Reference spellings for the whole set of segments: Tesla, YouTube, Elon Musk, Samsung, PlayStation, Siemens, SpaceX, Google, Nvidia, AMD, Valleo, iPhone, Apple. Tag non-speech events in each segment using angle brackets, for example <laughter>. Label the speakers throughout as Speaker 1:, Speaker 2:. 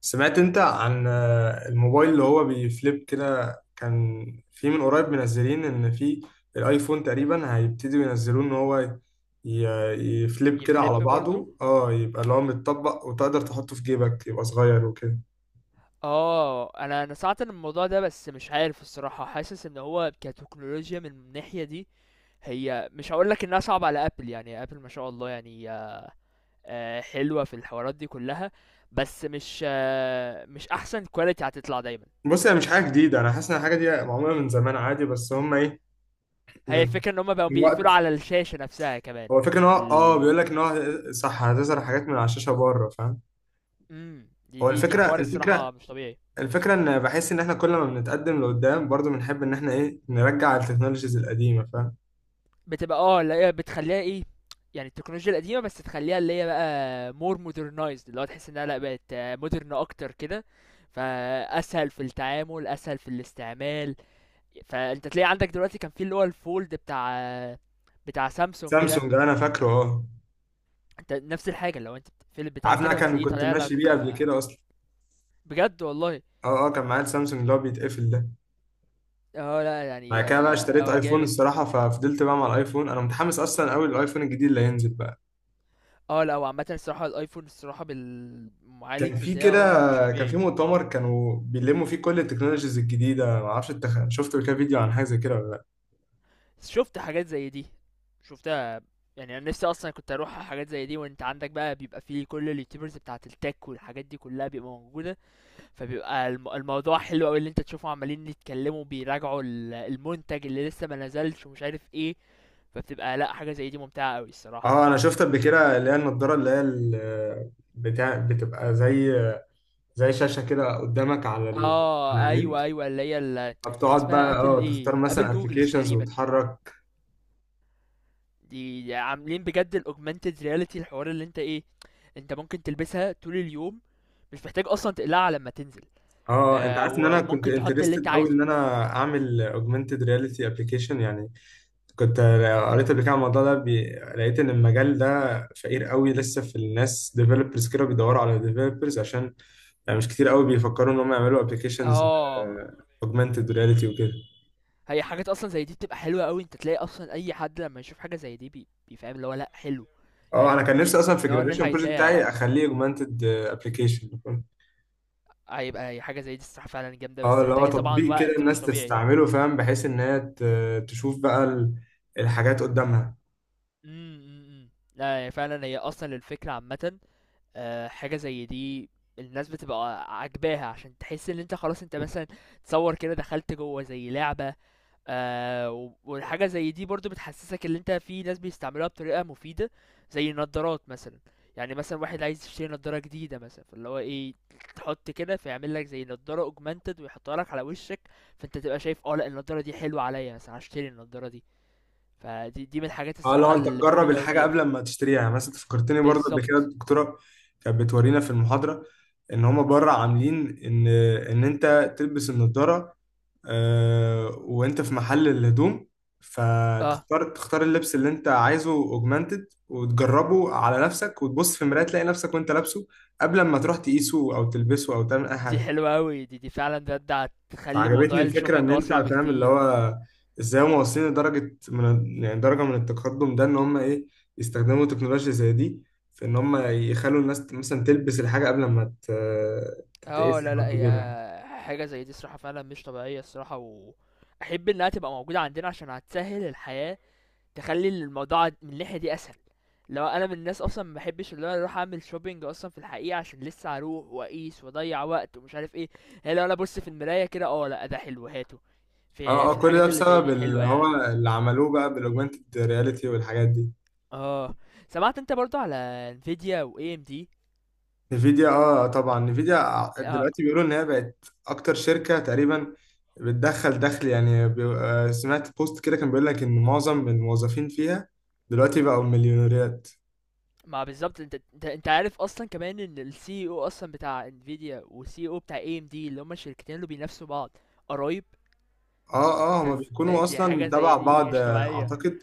Speaker 1: سمعت انت عن الموبايل اللي هو بيفليب كده. كان في من قريب منزلين ان في الايفون تقريبا هيبتدوا ينزلوه، ان هو ي- يفليب كده
Speaker 2: يفليب
Speaker 1: على
Speaker 2: برضو.
Speaker 1: بعضه، يبقى اللي هو متطبق وتقدر تحطه في جيبك، يبقى صغير وكده.
Speaker 2: اه، انا سمعت عن الموضوع ده، بس مش عارف الصراحه، حاسس ان هو كتكنولوجيا من الناحيه دي هي مش هقول لك انها صعبه على ابل. يعني ابل ما شاء الله، يعني حلوه في الحوارات دي كلها، بس مش احسن كواليتي هتطلع دايما.
Speaker 1: بص، هي مش حاجه جديده، انا حاسس ان الحاجه دي معموله من زمان عادي، بس هم ايه،
Speaker 2: هي
Speaker 1: من
Speaker 2: الفكره ان هم بقوا
Speaker 1: من
Speaker 2: بيقفلوا
Speaker 1: وقت.
Speaker 2: على الشاشه نفسها كمان.
Speaker 1: هو الفكره ان هو
Speaker 2: ال
Speaker 1: بيقول لك ان هو صح، هتظهر حاجات من على الشاشه بره، فاهم؟
Speaker 2: دي
Speaker 1: هو
Speaker 2: دي دي
Speaker 1: الفكره
Speaker 2: حوار
Speaker 1: الفكره
Speaker 2: الصراحه مش طبيعي.
Speaker 1: الفكرة ان بحس ان احنا كل ما بنتقدم لقدام برضو بنحب ان احنا ايه، نرجع التكنولوجيز القديمة، فاهم؟
Speaker 2: بتبقى اه اللي هي بتخليها ايه، يعني التكنولوجيا القديمه، بس تخليها اللي هي بقى مور مودرنايزد، اللي هو تحس انها لا بقت مودرن اكتر كده، فاسهل في التعامل، اسهل في الاستعمال. فانت تلاقي عندك دلوقتي كان في اللي هو الفولد بتاع سامسونج ده،
Speaker 1: سامسونج، انا فاكره، اه.
Speaker 2: انت نفس الحاجه، لو انت بتقفل البتاع
Speaker 1: عارف إن انا
Speaker 2: كده
Speaker 1: كان
Speaker 2: بتلاقيه
Speaker 1: كنت
Speaker 2: طالع لك.
Speaker 1: ماشي بيه قبل كده اصلا.
Speaker 2: بجد والله.
Speaker 1: اه اه، كان معايا السامسونج اللي هو بيتقفل ده.
Speaker 2: اه لا يعني
Speaker 1: بعد كده بقى
Speaker 2: ده
Speaker 1: اشتريت
Speaker 2: هو
Speaker 1: ايفون
Speaker 2: جامد.
Speaker 1: الصراحة، ففضلت بقى مع الايفون. انا متحمس اصلا قوي للايفون الجديد اللي هينزل بقى.
Speaker 2: اه لا، وعامة الصراحة الايفون الصراحة بالمعالج
Speaker 1: كان في كده
Speaker 2: بتاعه مش
Speaker 1: كان في
Speaker 2: طبيعي.
Speaker 1: مؤتمر كانوا بيلموا فيه كل التكنولوجيز الجديدة. معرفش انت شفت قبل كده فيديو عن حاجة زي كده ولا لا.
Speaker 2: شفت حاجات زي دي، شفتها. يعني انا نفسي اصلا كنت اروح على حاجات زي دي، وانت عندك بقى بيبقى فيه كل اليوتيوبرز بتاعه التك والحاجات دي كلها بيبقى موجوده. فبيبقى الموضوع حلو قوي اللي انت تشوفهم عمالين يتكلموا، بيراجعوا المنتج اللي لسه ما نزلش ومش عارف ايه. فبتبقى لا، حاجه زي دي ممتعه قوي الصراحه.
Speaker 1: اه، انا شفت قبل كده اللي هي النضارة، اللي هي بتاع، بتبقى زي شاشة كده قدامك على على
Speaker 2: اه ايوه
Speaker 1: عينيك.
Speaker 2: ايوه اللي هي ال... كان
Speaker 1: فبتقعد
Speaker 2: اسمها
Speaker 1: بقى
Speaker 2: ابل
Speaker 1: تختار
Speaker 2: ايه، ابل
Speaker 1: مثلا
Speaker 2: جوجلز
Speaker 1: ابلكيشنز
Speaker 2: تقريبا.
Speaker 1: وتحرك.
Speaker 2: دي عاملين بجد الاوجمانتد رياليتي، الحوار اللي انت ايه، انت ممكن تلبسها طول اليوم، مش محتاج اصلا تقلعها لما تنزل.
Speaker 1: اه، انت عارف ان
Speaker 2: و-
Speaker 1: انا كنت
Speaker 2: وممكن تحط اللي انت
Speaker 1: انترستد قوي
Speaker 2: عايزه.
Speaker 1: ان انا اعمل اوجمانتد رياليتي ابلكيشن يعني. كنت قريت قبل كده عن الموضوع ده لقيت ان المجال ده فقير قوي، لسه في الناس ديفلوبرز كده بيدوروا على ديفلوبرز عشان يعني مش كتير قوي بيفكروا ان هم يعملوا ابلكيشنز
Speaker 2: اه،
Speaker 1: اوجمانتد رياليتي وكده.
Speaker 2: هي حاجات اصلا زي دي بتبقى حلوه قوي. انت تلاقي اصلا اي حد لما يشوف حاجه زي دي بيفهم اللي هو لا حلو.
Speaker 1: اه،
Speaker 2: يعني
Speaker 1: انا كان
Speaker 2: دي-
Speaker 1: نفسي
Speaker 2: دي
Speaker 1: اصلا
Speaker 2: اللي
Speaker 1: في
Speaker 2: هو الناس
Speaker 1: الجراديشن بروجكت
Speaker 2: عايزاها.
Speaker 1: بتاعي اخليه اوجمانتد ابلكيشن.
Speaker 2: هيبقى هي حاجه زي دي الصراحه فعلا جامده،
Speaker 1: اه،
Speaker 2: بس
Speaker 1: اللي هو
Speaker 2: محتاجه طبعا
Speaker 1: تطبيق كده
Speaker 2: وقت مش
Speaker 1: الناس
Speaker 2: طبيعي.
Speaker 1: تستعمله، فاهم؟ بحيث ان هي تشوف بقى الحاجات قدامها.
Speaker 2: امم امم، امم. لا، هي فعلا هي اصلا الفكره عامه. حاجة زي دي الناس بتبقى عاجباها، عشان تحس ان انت خلاص انت مثلا تصور كده دخلت جوه زي لعبة. و- والحاجة زي دي برضو بتحسسك ان انت في ناس بيستعملوها بطريقة مفيدة، زي النضارات مثلا. يعني مثلا واحد عايز يشتري نضارة جديدة مثلا، فاللي هو ايه، تحط كده فيعمل لك زي نضارة اوجمانتد ويحطها لك على وشك، فانت تبقى شايف اه لا النضارة دي حلوة عليا مثلا، هشتري النضارة دي. فدي من الحاجات
Speaker 1: اه،
Speaker 2: الصراحة
Speaker 1: لو انت تجرب
Speaker 2: المفيدة اوي
Speaker 1: الحاجه
Speaker 2: فيها.
Speaker 1: قبل ما تشتريها، يعني مثلا فكرتني برضه قبل كده
Speaker 2: بالظبط.
Speaker 1: الدكتوره كانت بتورينا في المحاضره ان هما بره عاملين ان ان انت تلبس النضاره وانت في محل الهدوم،
Speaker 2: اه،
Speaker 1: فتختار اللبس اللي انت عايزه اوجمانتد وتجربه على نفسك وتبص في المرايه تلاقي نفسك وانت لابسه، قبل ما تروح تقيسه او تلبسه او تعمل اي
Speaker 2: دي
Speaker 1: حاجه.
Speaker 2: حلوة أوي، دي فعلا ده هتخلي
Speaker 1: عجبتني
Speaker 2: موضوع
Speaker 1: الفكرة إن
Speaker 2: الشوبينج
Speaker 1: أنت
Speaker 2: أسرع
Speaker 1: فاهم اللي
Speaker 2: بكتير.
Speaker 1: هو إزاي هم واصلين لدرجة من، يعني درجة من التقدم ده، إن هم إيه، يستخدموا تكنولوجيا زي دي في إن هم يخلوا الناس مثلا تلبس الحاجة قبل ما
Speaker 2: اه
Speaker 1: تتقيسها
Speaker 2: لا
Speaker 1: أو
Speaker 2: لا،
Speaker 1: تجيبها.
Speaker 2: هي حاجة زي دي الصراحة فعلا مش طبيعية الصراحة، وأحب إنها تبقى موجودة عندنا عشان هتسهل الحياة، تخلي الموضوع من الناحية دي أسهل. لو أنا من الناس أصلا ما بحبش اللي أنا أروح أعمل شوبينج أصلا في الحقيقة، عشان لسه هروح وأقيس وأضيع وقت ومش عارف إيه. هي لو أنا أبص في المراية كده اه لا ده حلو هاته. في
Speaker 1: أه أه،
Speaker 2: في
Speaker 1: كل ده
Speaker 2: الحاجات اللي زي
Speaker 1: بسبب
Speaker 2: دي
Speaker 1: اللي
Speaker 2: حلوة
Speaker 1: هو
Speaker 2: يعني.
Speaker 1: اللي عملوه بقى بالأوجمانتد رياليتي والحاجات دي.
Speaker 2: اه، سمعت انت برضو على انفيديا و AMD.
Speaker 1: نفيديا، اه، طبعا. نفيديا آه، دلوقتي بيقولوا ان هي بقت اكتر شركه تقريبا بتدخل دخل، يعني سمعت بوست كده كان بيقول لك ان معظم الموظفين فيها دلوقتي بقوا مليونيرات.
Speaker 2: ما بالظبط، انت عارف اصلا كمان ان السي او اصلا بتاع انفيديا والسي او بتاع اي ام دي، اللي هما الشركتين اللي بينافسوا بعض، قرايب.
Speaker 1: اه اه،
Speaker 2: انت
Speaker 1: هما
Speaker 2: بتس- آه،
Speaker 1: بيكونوا
Speaker 2: دي
Speaker 1: اصلا
Speaker 2: حاجه
Speaker 1: تبع
Speaker 2: زي دي
Speaker 1: بعض،
Speaker 2: مش طبيعيه.
Speaker 1: اعتقد.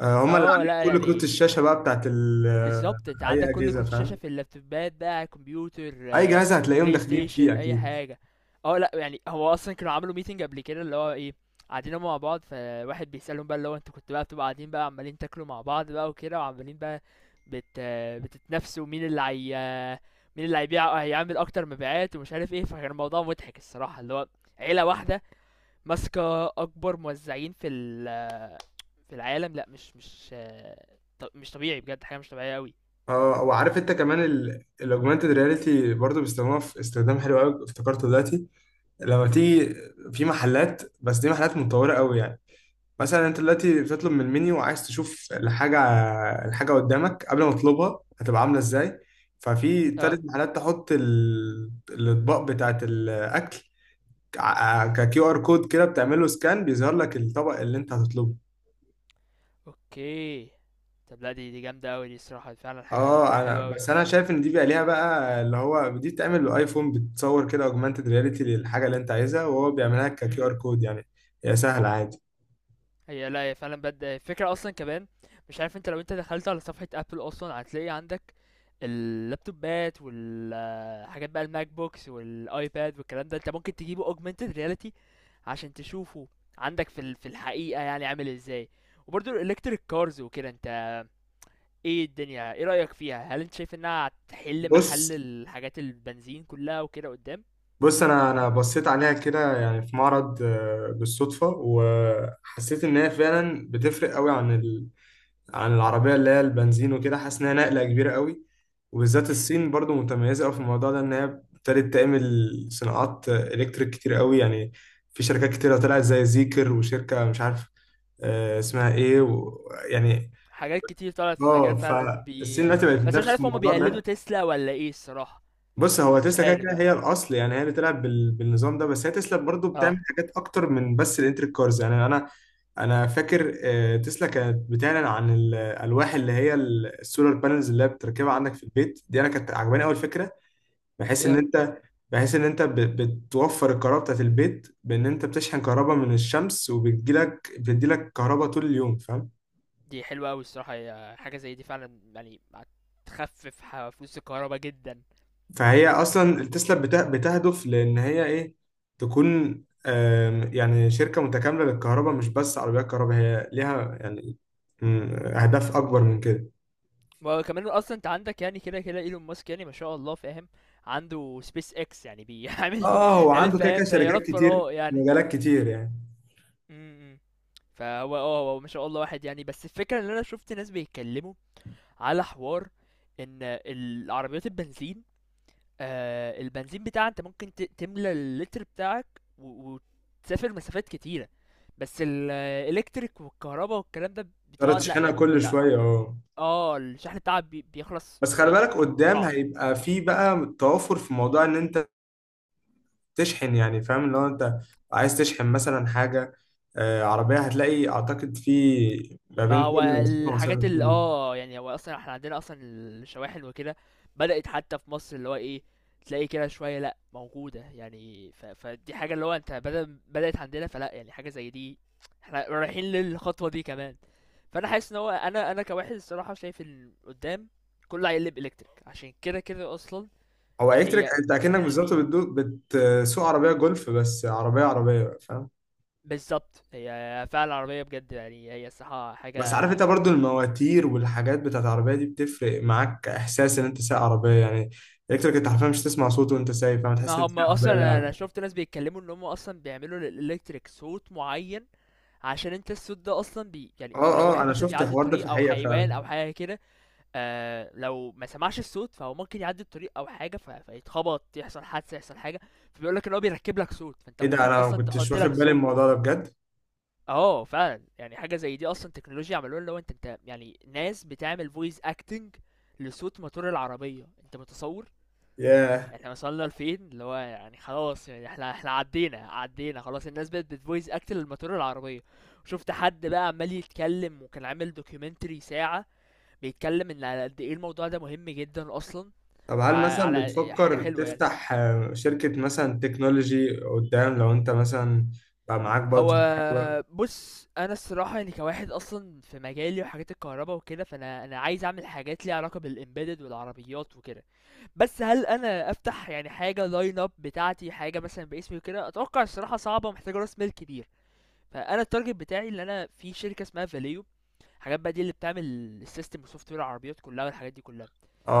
Speaker 1: هما اللي
Speaker 2: اه
Speaker 1: عاملين
Speaker 2: لا
Speaker 1: كل كروت
Speaker 2: يعني،
Speaker 1: الشاشه بقى بتاعت
Speaker 2: بالظبط، انت
Speaker 1: اي
Speaker 2: عندك كل
Speaker 1: اجهزه،
Speaker 2: كروت شاشه
Speaker 1: فاهم؟
Speaker 2: في اللابتوبات، بقى كمبيوتر،
Speaker 1: اي جهاز هتلاقيهم
Speaker 2: بلاي
Speaker 1: داخلين فيه
Speaker 2: ستيشن، اي
Speaker 1: اكيد.
Speaker 2: حاجه. اه لا يعني، هو اصلا كانوا عملوا ميتنج قبل كده، اللي هو ايه، قاعدين هما مع بعض، فواحد بيسألهم بقى اللي هو انتوا كنتوا بقى بتبقوا قاعدين بقى عمالين تاكلوا مع بعض بقى وكده، وعمالين بقى بت بتتنافسوا مين اللي هي مين اللي هيبيع هيعمل اكتر مبيعات ومش عارف ايه. فكان الموضوع مضحك الصراحه، اللي هو عيله واحده ماسكه اكبر موزعين في في العالم. لا مش مش طبيعي بجد، حاجه مش طبيعيه قوي.
Speaker 1: اه، وعارف انت كمان الاوجمانتد رياليتي برضو بيستخدموها في استخدام حلو قوي افتكرته دلوقتي، لما تيجي في محلات، بس دي محلات متطورة قوي يعني. مثلا انت دلوقتي بتطلب من المنيو وعايز تشوف الحاجة قدامك قبل ما تطلبها هتبقى عاملة ازاي. ففي
Speaker 2: اه،
Speaker 1: تالت محلات تحط الأطباق بتاعت الأكل ككيو ار كود كده، بتعمله سكان، بيظهر لك الطبق اللي انت هتطلبه.
Speaker 2: اوكي. طب لا، دي جامده قوي، دي الصراحه فعلا حاجه
Speaker 1: اه، انا
Speaker 2: حلوه قوي.
Speaker 1: بس انا شايف ان دي بقى ليها بقى اللي هو دي بتعمل بالايفون، بتصور كده اوجمانتد رياليتي للحاجه اللي انت عايزها وهو بيعملها ككيو ار كود يعني. هي سهله عادي.
Speaker 2: هي لا، هي فعلًا بجد الفكرة أصلًا كمان، مش عارف أنت لو أنت دخلت على صفحة Apple أصلًا هتلاقي عندك اللابتوبات والحاجات بقى الMac books والiPad والكلام ده، أنت ممكن تجيبه augmented reality عشان تشوفه عندك في ال في الحقيقة يعني عامل إزاي، وبرضه الelectric cars وكده أنت إيه الدنيا، إيه رأيك فيها؟ هل أنت شايف إنها هتحل محل
Speaker 1: بص،
Speaker 2: الحاجات البنزين كلها وكده قدّام؟
Speaker 1: انا بصيت عليها كده، يعني في معرض بالصدفه، وحسيت ان هي فعلا بتفرق قوي عن العربيه اللي هي البنزين وكده. حاسس انها نقله كبيره قوي، وبالذات
Speaker 2: إمم،
Speaker 1: الصين برضو متميزه قوي في الموضوع ده ان هي ابتدت تعمل صناعات الكتريك كتير قوي يعني. في شركات كتيره طلعت زي زيكر، وشركه مش عارف اسمها ايه يعني.
Speaker 2: حاجات كتير طلعت في
Speaker 1: اه،
Speaker 2: المجال فعلًا
Speaker 1: فالصين
Speaker 2: بي.
Speaker 1: دلوقتي بقت
Speaker 2: بس مش
Speaker 1: بتنافس في
Speaker 2: عارف هُم
Speaker 1: الموضوع
Speaker 2: بيقلدوا
Speaker 1: ده.
Speaker 2: تسلا والّا إيه الصراحة.
Speaker 1: بص، هو
Speaker 2: انا مش
Speaker 1: تسلا كده
Speaker 2: عارف
Speaker 1: كده
Speaker 2: بقى.
Speaker 1: هي الاصل، يعني هي اللي بتلعب بالنظام ده، بس هي تسلا برضو بتعمل
Speaker 2: اه،
Speaker 1: حاجات اكتر من بس الانتريك كارز يعني. انا فاكر تسلا كانت بتعلن عن الالواح اللي هي السولار بانلز اللي هي بتركبها عندك في البيت دي، انا كانت عجباني اول فكره، بحيث ان
Speaker 2: ايه،
Speaker 1: انت بحيث ان انت بتوفر الكهرباء بتاعت البيت، بان انت بتشحن كهرباء من الشمس وبتجيلك بتديلك كهرباء طول اليوم، فاهم؟
Speaker 2: دي حلوه قوي الصراحه، هي حاجه زي دي فعلا يعني هتخفف فلوس الكهرباء جدا.
Speaker 1: فهي اصلا التسلا بتهدف لان هي ايه، تكون يعني شركه متكامله للكهرباء، مش بس عربيات كهرباء. هي ليها يعني اهداف اكبر من كده.
Speaker 2: ما هو كمان اصلا انت عندك، يعني كده كده ايلون ماسك يعني ما شاء الله، فاهم، عنده سبيس اكس، يعني بيعمل
Speaker 1: اه، هو
Speaker 2: <laughs> عامل
Speaker 1: عنده كده
Speaker 2: فاهم
Speaker 1: كده شركات
Speaker 2: طيارات
Speaker 1: كتير
Speaker 2: فراغ
Speaker 1: في
Speaker 2: يعني.
Speaker 1: مجالات كتير يعني.
Speaker 2: امم. فهو اه هو ما شاء الله واحد يعني، بس الفكره ان انا شفت ناس بيتكلموا على حوار ان العربيات البنزين، آه البنزين بتاعها انت ممكن تملى اللتر بتاعك و- وتسافر مسافات كتيرة. بس الالكتريك والكهرباء والكلام ده
Speaker 1: تقدر
Speaker 2: بتقعد لا
Speaker 1: تشحنها
Speaker 2: يعني
Speaker 1: كل
Speaker 2: لا.
Speaker 1: شويه، اه.
Speaker 2: اه الشحن بتاعها بيخلص
Speaker 1: بس خلي بالك
Speaker 2: يعني
Speaker 1: قدام
Speaker 2: بسرعة.
Speaker 1: هيبقى في بقى توافر في موضوع ان انت تشحن، يعني فاهم، لو انت عايز تشحن مثلا حاجه عربيه، هتلاقي اعتقد في ما
Speaker 2: ما
Speaker 1: بين
Speaker 2: هو
Speaker 1: كل مسافه
Speaker 2: الحاجات
Speaker 1: ومسافه
Speaker 2: اللي
Speaker 1: فيه.
Speaker 2: يعني هو أصلًا إحنا عندنا أصلًا الشواحن وكده بدأت حتى في مصر، اللي هو إيه، تلاقي كده شوية لأ موجودة يعني، فدي حاجة اللي هو أنت بدل بدأت عندنا فلأ، يعني حاجة زي دي، إحنا رايحين للخطوة دي كمان، فأنا حاسس إن هو أنا كواحد الصراحة شايف إن قدّام كله هيقلب electric، عشان كده كده أصلًا
Speaker 1: هو
Speaker 2: دي
Speaker 1: الكتريك،
Speaker 2: هي
Speaker 1: انت اكنك
Speaker 2: مفيدة
Speaker 1: بالظبط
Speaker 2: للبيئة،
Speaker 1: بتسوق عربيه جولف، بس عربيه عربيه بقى، فاهم؟
Speaker 2: بالضبط هي فعلًا العربية بجد يعني، هي الصراحة
Speaker 1: بس عارف
Speaker 2: حاجة.
Speaker 1: انت برضو المواتير والحاجات بتاعت العربيه دي بتفرق معاك، احساس ان انت سايق عربيه يعني. الكتريك انت حرفيا مش تسمع صوته وانت سايق، فاهم؟
Speaker 2: ما
Speaker 1: تحس ان انت
Speaker 2: هم
Speaker 1: سايق عربيه
Speaker 2: اصلا انا، أنا
Speaker 1: لعب.
Speaker 2: شفت ناس بيتكلموا ان هم اصلا بيعملوا للالكتريك صوت معين، عشان انت الصوت ده اصلا بي يعني
Speaker 1: اه
Speaker 2: لو
Speaker 1: اه،
Speaker 2: واحد
Speaker 1: انا
Speaker 2: مثلا
Speaker 1: شفت
Speaker 2: بيعدي
Speaker 1: الحوار ده في
Speaker 2: الطريق او
Speaker 1: الحقيقه
Speaker 2: حيوان
Speaker 1: فعلا.
Speaker 2: او حاجه كده. آه لو ما سمعش الصوت فهو ممكن يعدي الطريق او حاجه، ف... فيتخبط، يحصل حادثه، يحصل حاجه. فبيقول لك ان هو بيركب لك صوت، فانت
Speaker 1: ايه ده؟
Speaker 2: ممكن
Speaker 1: انا ما
Speaker 2: اصلا
Speaker 1: كنتش
Speaker 2: تحط
Speaker 1: واخد
Speaker 2: لك
Speaker 1: بالي من
Speaker 2: صوت.
Speaker 1: الموضوع ده بجد.
Speaker 2: اه فعلا، يعني حاجه زي دي اصلا تكنولوجيا عملوها، اللي هو انت يعني ناس بتعمل فويس اكتنج لصوت موتور العربيه، انت متصور.
Speaker 1: ياه.
Speaker 2: يعني احنا وصلنا لفين، اللي هو يعني خلاص يعني احنا عدينا خلاص. الناس بقت بتفويس اكت للموتور العربيه. شفت حد بقى عمال يتكلم وكان عامل دوكيومنتري ساعه بيتكلم ان على قد ايه الموضوع ده مهم جدا اصلا،
Speaker 1: طب هل مثلا
Speaker 2: وعلى حاجه
Speaker 1: بتفكر
Speaker 2: حلوه يعني.
Speaker 1: تفتح شركه مثلا تكنولوجي قدام، لو انت مثلا بقى معاك
Speaker 2: هو
Speaker 1: بادجت حلوه؟
Speaker 2: بص انا الصراحه يعني كواحد اصلا في مجالي وحاجات الكهرباء وكده، فانا، انا عايز اعمل حاجات ليها علاقه بالامبيدد والعربيات وكده. بس هل انا افتح يعني حاجه لاين اب بتاعتي، حاجه مثلا باسمي وكده، اتوقع الصراحه صعبه ومحتاجه راس مال كبير. فانا التارجت بتاعي ان انا في شركه اسمها فاليو، الحاجات بقى دي اللي بتعمل السيستم وسوفت وير العربيات كلها والحاجات دي كلها.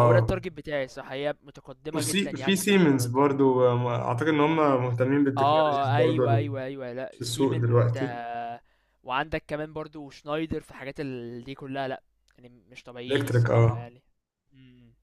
Speaker 2: هو ده التارجت بتاعي الصراحه، هي متقدمه جدا
Speaker 1: وفي
Speaker 2: يعني في
Speaker 1: سيمنز
Speaker 2: الحوارات دي.
Speaker 1: برضو اعتقد ان هم مهتمين بالتكنولوجيز
Speaker 2: اه
Speaker 1: برضو
Speaker 2: ايوه ايوه لا
Speaker 1: في السوق
Speaker 2: سيمن، وانت
Speaker 1: دلوقتي.
Speaker 2: وعندك كمان برضو شنايدر في حاجات ال... دي كلها، لا يعني مش طبيعيين
Speaker 1: الكتريك،
Speaker 2: الصراحه
Speaker 1: اه.
Speaker 2: يعني. مم.